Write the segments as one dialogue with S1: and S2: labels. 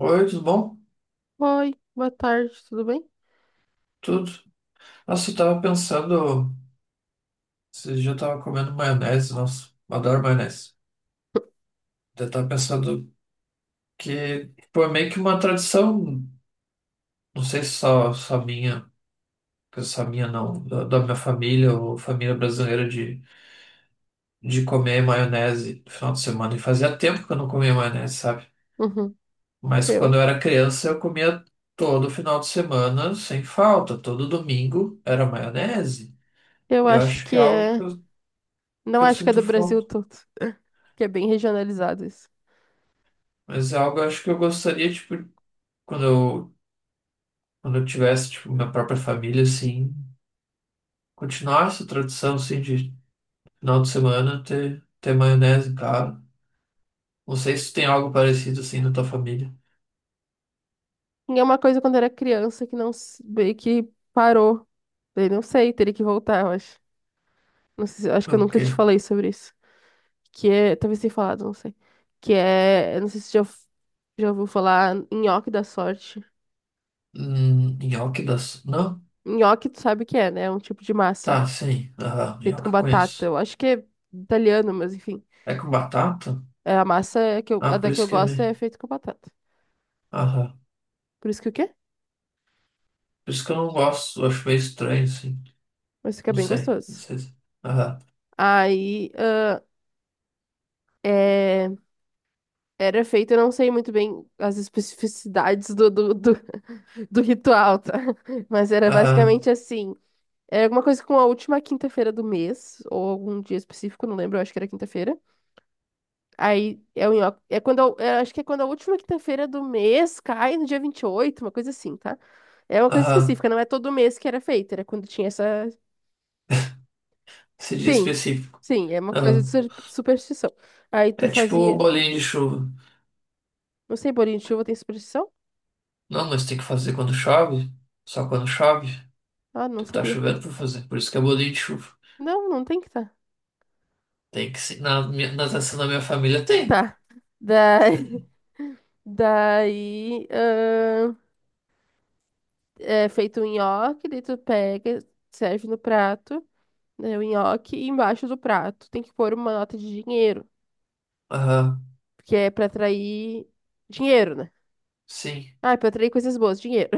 S1: Oi, tudo bom?
S2: Oi, boa tarde, tudo bem?
S1: Tudo. Nossa, eu tava pensando, esses dias eu tava comendo maionese, nossa, eu adoro maionese. Eu tava pensando que, pô, é meio que uma tradição, não sei se só minha, que só minha não, da minha família ou família brasileira de comer maionese no final de semana. E fazia tempo que eu não comia maionese, sabe?
S2: Uhum.
S1: Mas quando
S2: Eu,
S1: eu era criança eu comia todo final de semana, sem falta, todo domingo era maionese.
S2: eu
S1: Eu
S2: acho
S1: acho
S2: que
S1: que é algo que
S2: é.
S1: eu, que
S2: Não
S1: eu
S2: acho que é
S1: sinto
S2: do Brasil
S1: falta.
S2: todo, que é bem regionalizado isso.
S1: Mas é algo eu acho que eu gostaria, tipo, quando eu, quando eu tivesse, tipo, minha própria família, assim, continuar essa tradição, assim, de final de semana ter maionese em casa. Não sei se tem algo parecido, assim, na tua família.
S2: E é uma coisa quando era criança que não meio que parou. Daí não sei, teria que voltar, eu acho. Não sei, acho
S1: O
S2: que eu nunca
S1: quê?
S2: te falei sobre isso. Que é. Talvez tenha falado, não sei. Que é, eu não sei se já, já ouviu falar nhoque da sorte.
S1: Nhoque das... Não?
S2: Nhoque, tu sabe o que é, né? É um tipo de massa
S1: Tá, sim. Aham,
S2: feito
S1: nhoque
S2: com
S1: eu
S2: batata.
S1: conheço.
S2: Eu acho que é italiano, mas enfim.
S1: É com batata?
S2: É, a massa a
S1: Ah, por
S2: da que
S1: isso
S2: eu
S1: que é
S2: gosto
S1: meio...
S2: é feita com batata.
S1: Aham.
S2: Por isso que o quê?
S1: Por isso que eu não gosto, eu acho meio estranho, assim.
S2: Mas fica
S1: Não
S2: bem
S1: sei, não
S2: gostoso.
S1: sei se... Aham,
S2: Aí, é, era feito, eu não sei muito bem as especificidades do ritual, tá? Mas era
S1: aham,
S2: basicamente assim. É alguma coisa com a última quinta-feira do mês, ou algum dia específico, não lembro, eu acho que era quinta-feira. Aí é o nhoque. É quando, acho que é quando a última quinta-feira do mês cai no dia 28 uma coisa assim, tá? É uma coisa
S1: aham.
S2: específica, não é todo mês que era feito, era quando tinha essa.
S1: Se diz
S2: Sim,
S1: específico.
S2: sim, é uma coisa de
S1: Aham.
S2: superstição. Aí tu
S1: É tipo
S2: fazia,
S1: bolinho de chuva.
S2: não sei, bolinho de chuva tem superstição?
S1: Não, nós tem que fazer quando chove. Só quando chove.
S2: Ah, não
S1: Tu que tá
S2: sabia.
S1: chovendo pra fazer. Por isso que é bolinho de chuva.
S2: Não, não tem que tá.
S1: Tem que ser. Na natação da minha família tem.
S2: Tá. Daí, Daí é feito um nhoque, daí tu pega, serve no prato, né, o nhoque, e embaixo do prato tem que pôr uma nota de dinheiro,
S1: Aham,
S2: que é pra atrair dinheiro, né?
S1: sim.
S2: Ah, é pra atrair coisas boas, dinheiro.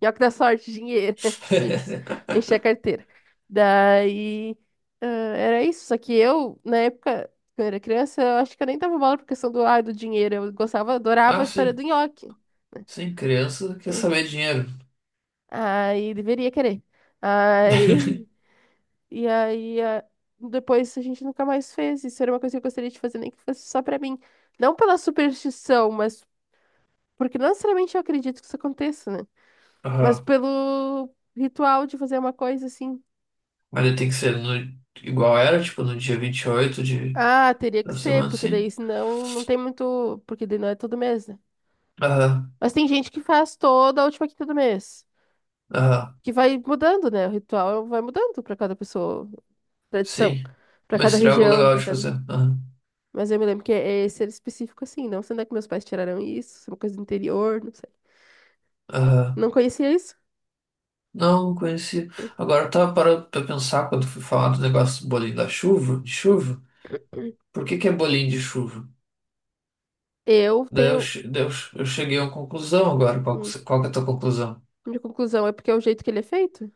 S2: Nhoque da sorte, dinheiro. Tipo isso. Encher a carteira. Daí, era isso. Só que eu, na época, quando eu era criança, eu acho que eu nem dava bola por questão do dinheiro. Eu gostava, adorava
S1: Ah,
S2: a história
S1: sim.
S2: do nhoque.
S1: Sim, criança quer
S2: Né?
S1: saber dinheiro.
S2: Aí, deveria querer. Aí, e aí, depois a gente nunca mais fez. Isso era uma coisa que eu gostaria de fazer, nem que fosse só pra mim. Não pela superstição, mas porque não necessariamente eu acredito que isso aconteça, né? Mas
S1: Aham.
S2: pelo ritual de fazer uma coisa assim.
S1: Mas ele tem que ser no, igual era, tipo, no dia 28 de,
S2: Ah, teria
S1: da
S2: que ser,
S1: semana,
S2: porque
S1: sim.
S2: daí senão não tem muito. Porque daí não é todo mês, né?
S1: Aham,
S2: Mas tem gente que faz toda a última quinta do mês.
S1: aham,
S2: Que vai mudando, né? O ritual vai mudando pra cada pessoa, tradição,
S1: sim.
S2: pra
S1: Mas
S2: cada
S1: seria algo
S2: região,
S1: legal
S2: pra
S1: de
S2: cada.
S1: fazer. Aham,
S2: Mas eu me lembro que é esse era específico assim. Não sei onde é que meus pais tiraram isso, se é uma coisa do interior, não sei.
S1: aham.
S2: Não conhecia isso.
S1: Não, não conheci. Agora eu tava parando pra pensar quando fui falar do negócio do bolinho da chuva, de chuva. Por que que é bolinho de chuva?
S2: Eu
S1: Daí eu,
S2: tenho.
S1: che- daí eu, che- eu cheguei a uma conclusão agora. Qual, que
S2: hum,
S1: se- qual que é a tua conclusão?
S2: Minha conclusão é porque é o jeito que ele é feito: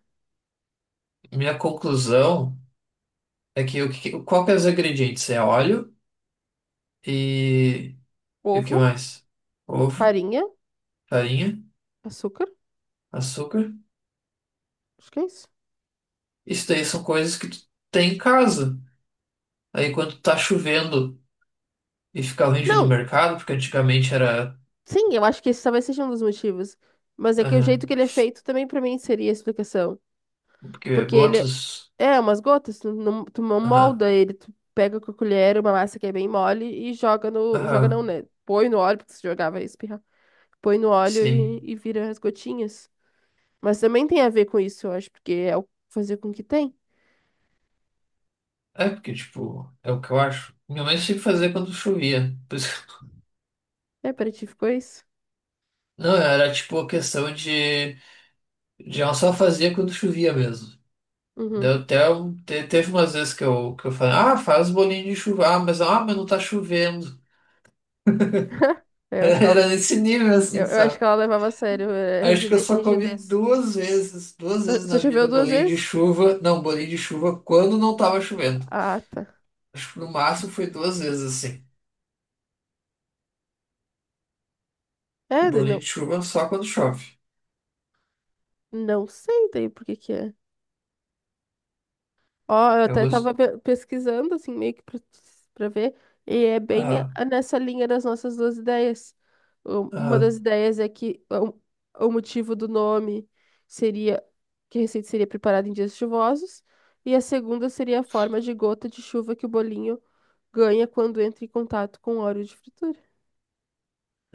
S1: Minha conclusão é que o que, que- qual que é os ingredientes? É óleo e, e o que
S2: ovo,
S1: mais? Ovo,
S2: farinha,
S1: farinha,
S2: açúcar.
S1: açúcar.
S2: Acho que é isso.
S1: Isso daí são coisas que tu tem em casa. Aí quando tá chovendo e fica ruim de ir no
S2: Não!
S1: mercado, porque antigamente era.
S2: Sim, eu acho que esse talvez seja um dos motivos. Mas é que o jeito
S1: Aham.
S2: que ele é feito também pra mim seria a explicação.
S1: Porque
S2: Porque ele é
S1: gotas.
S2: é umas gotas, tu não
S1: Aham,
S2: molda ele, tu pega com a colher uma massa que é bem mole e joga no. Joga não,
S1: aham.
S2: né? Põe no óleo, porque se jogar vai espirrar. Põe no óleo e,
S1: Sim.
S2: e vira as gotinhas. Mas também tem a ver com isso, eu acho, porque é o fazer com que tem.
S1: É porque, tipo, é o que eu acho. Minha mãe tinha que fazer quando chovia. Por isso que-
S2: É, pra ti ficou isso?
S1: Não, era tipo a questão de ela só fazia quando chovia mesmo. Deu
S2: Uhum.
S1: até um- te- teve umas vezes que eu falei, ah, faz bolinho de chuva, ah, mas não tá chovendo.
S2: É, eu
S1: Era,
S2: acho que ela,
S1: era nesse nível assim,
S2: eu, eu acho que
S1: sabe?
S2: ela levava a sério, é,
S1: Acho que eu só comi
S2: rigidez.
S1: duas
S2: Só,
S1: vezes
S2: só
S1: na
S2: choveu
S1: vida
S2: duas
S1: bolinho de
S2: vezes?
S1: chuva. Não, bolinho de chuva quando não tava chovendo.
S2: Ah, tá.
S1: Acho que no máximo foi duas vezes assim. E
S2: É, daí
S1: bolinho
S2: não.
S1: de chuva só quando chove.
S2: Não sei daí por que que é. Ó, eu
S1: Eu
S2: até tava
S1: gosto.
S2: pesquisando, assim, meio que pra ver, e é bem
S1: Aham.
S2: nessa linha das nossas duas ideias. Uma das
S1: Aham.
S2: ideias é que o motivo do nome seria que a receita seria preparada em dias chuvosos, e a segunda seria a forma de gota de chuva que o bolinho ganha quando entra em contato com o óleo de fritura.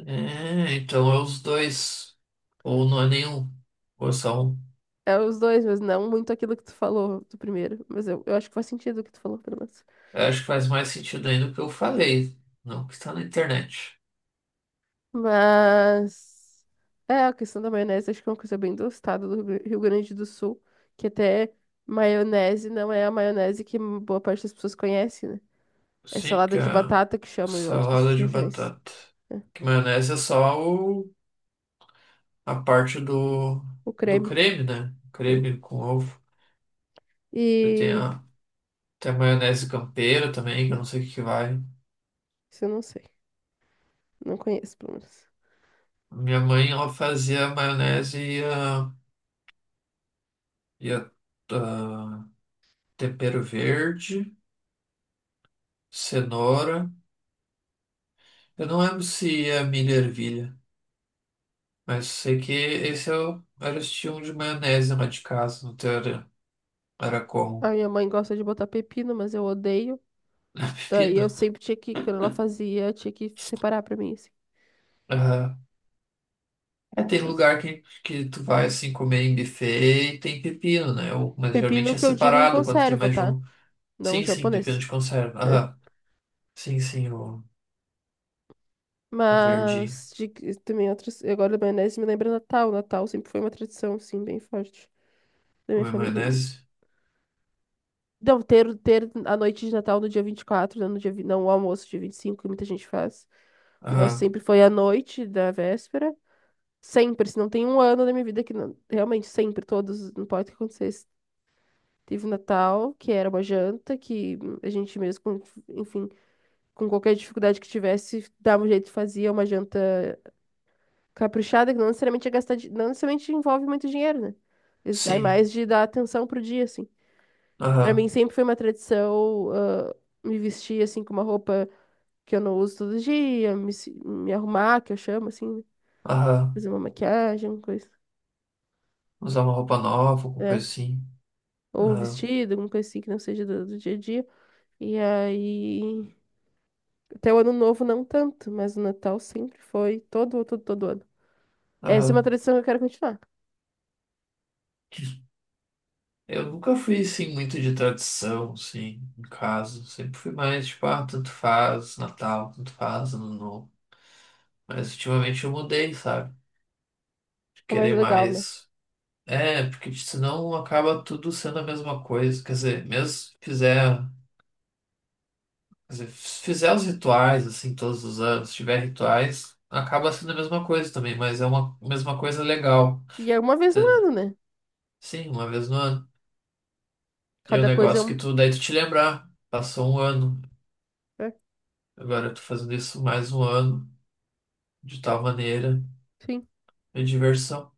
S1: É, então é os dois. Ou não é nenhum. Ou é só um.
S2: É os dois, mas não muito aquilo que tu falou do primeiro. Mas eu acho que faz sentido o que tu falou, pelo menos.
S1: Eu acho que faz mais sentido ainda o que eu falei. Não o que está na internet.
S2: Mas é a questão da maionese, acho que é uma coisa bem do estado do Rio Grande do Sul, que até maionese não é a maionese que boa parte das pessoas conhece, né? É
S1: Sim,
S2: salada
S1: porque
S2: de
S1: a
S2: batata que chamam em outras
S1: salada de
S2: regiões,
S1: batata.
S2: né?
S1: Que maionese é só a parte do,
S2: O
S1: do
S2: creme.
S1: creme, né?
S2: Né?
S1: Creme com ovo. Eu tenho
S2: E
S1: a, tem a maionese campeira também, que eu não sei o que que vai.
S2: isso eu não sei, não conheço, pelo menos.
S1: Minha mãe, ela fazia a maionese e a, e a, a tempero verde, cenoura. Eu não lembro se é milho e ervilha, mas sei que esse era o estilo de maionese lá de casa, no teu era
S2: A
S1: como?
S2: minha mãe gosta de botar pepino, mas eu odeio.
S1: É
S2: Daí eu
S1: Pepino?
S2: sempre tinha que, quando ela fazia, tinha que separar pra mim, assim.
S1: Aham. É, tem
S2: Mas
S1: lugar que tu vai assim comer em buffet e tem pepino, né? Ou- mas geralmente
S2: pepino
S1: é
S2: que eu digo em
S1: separado quando tem
S2: conserva,
S1: mais de
S2: tá?
S1: um.
S2: Não
S1: Sim, sim, pepino
S2: japonês.
S1: de conserva.
S2: Né?
S1: Aham. Sim, sim, o verde
S2: Mas de, também outras. Agora a maionese me lembra Natal. Natal sempre foi uma tradição, assim, bem forte da minha
S1: comer
S2: família.
S1: maionese.
S2: Não, ter a noite de Natal no dia 24, né, no dia, não o almoço dia 25 que muita gente faz. O nosso
S1: Aham.
S2: sempre foi a noite da véspera. Sempre, se não tem um ano da minha vida que não, realmente sempre, todos, não importa o que acontecesse. Teve o Natal, que era uma janta, que a gente mesmo, enfim, com qualquer dificuldade que tivesse, dava um jeito, fazia uma janta caprichada, que não necessariamente é gastar, não necessariamente envolve muito dinheiro, né? Isso vai
S1: Sim.
S2: mais de dar atenção pro dia, assim. Pra mim
S1: Aham.
S2: sempre foi uma tradição me vestir, assim, com uma roupa que eu não uso todo dia, me, se- me arrumar, que eu chamo, assim, né?
S1: Aham.
S2: Fazer uma maquiagem, alguma coisa,
S1: Usar uma roupa nova, alguma coisa
S2: né?
S1: assim.
S2: Ou um
S1: Aham.
S2: vestido, alguma coisa assim que não seja do dia a dia. E aí, até o ano novo não tanto, mas o Natal sempre foi todo, todo, todo ano. Essa é uma
S1: Aham.
S2: tradição que eu quero continuar.
S1: Eu nunca fui, assim, muito de tradição, assim, em casa. Sempre fui mais, tipo, ah, tanto faz Natal, tanto faz Ano Novo. Mas ultimamente eu mudei, sabe? De
S2: É mais
S1: querer
S2: legal, né?
S1: mais. É, porque senão acaba tudo sendo a mesma coisa. Quer dizer, mesmo se fizer, quer dizer, se fizer os rituais, assim, todos os anos, se tiver rituais, acaba sendo a mesma coisa também, mas é uma mesma coisa legal,
S2: E é uma vez no
S1: entendeu?
S2: ano, né?
S1: Sim, uma vez no ano. E o
S2: Cada coisa é
S1: negócio que
S2: uma.
S1: tu, daí tu te lembrar, passou um ano.
S2: Né?
S1: Agora eu tô fazendo isso mais um ano, de tal maneira,
S2: Sim,
S1: é diversão.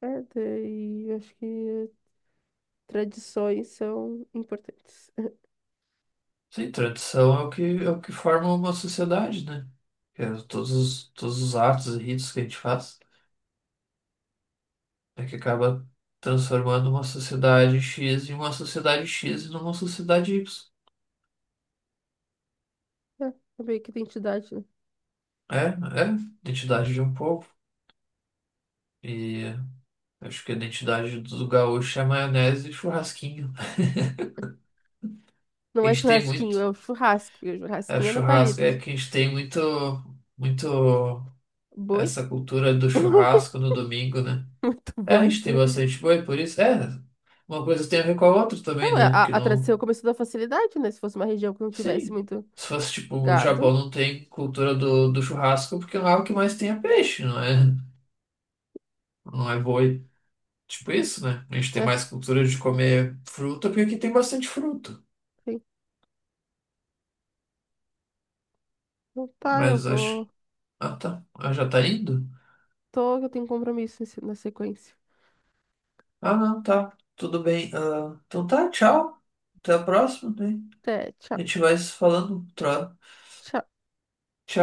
S2: é daí, eu Acho que tradições são importantes.
S1: Sim, tradição é o que, forma uma sociedade, né? Que é todos os atos e ritos que a gente faz, é que acaba transformando uma sociedade X em uma sociedade X e numa sociedade Y.
S2: É, é meio que identidade, né?
S1: É, é, identidade de um povo. E acho que a identidade do gaúcho é maionese e churrasquinho. A
S2: Não é
S1: gente tem
S2: churrasquinho, é
S1: muito,
S2: o churrasco. E o
S1: é
S2: churrasquinho é no
S1: churrasco, é
S2: palito.
S1: que a gente tem muito, muito.
S2: Boi?
S1: Essa cultura do churrasco no domingo, né?
S2: Muito
S1: É, a
S2: boi.
S1: gente tem bastante boi, por isso. É, uma coisa tem a ver com a outra também,
S2: Não, a,
S1: né?
S2: a
S1: Porque
S2: a
S1: não.
S2: tradição começou da facilidade, né? Se fosse uma região que não tivesse
S1: Sim.
S2: muito
S1: Se fosse tipo, o Japão
S2: gado.
S1: não tem cultura do churrasco, porque lá o que mais tem é peixe, não é? Não é boi. Tipo isso, né? A gente tem
S2: É,
S1: mais cultura de comer fruta, porque aqui tem bastante fruta.
S2: sim. Então tá, eu
S1: Mas acho.
S2: vou.
S1: Ah, tá. Ah, já tá indo?
S2: Tô, eu tenho um compromisso na sequência.
S1: Ah, não, tá. Tudo bem. Ah, então tá, tchau. Até a próxima, né?
S2: Até, tchau.
S1: A gente vai se falando. Tro-
S2: Tchau.
S1: Tchau.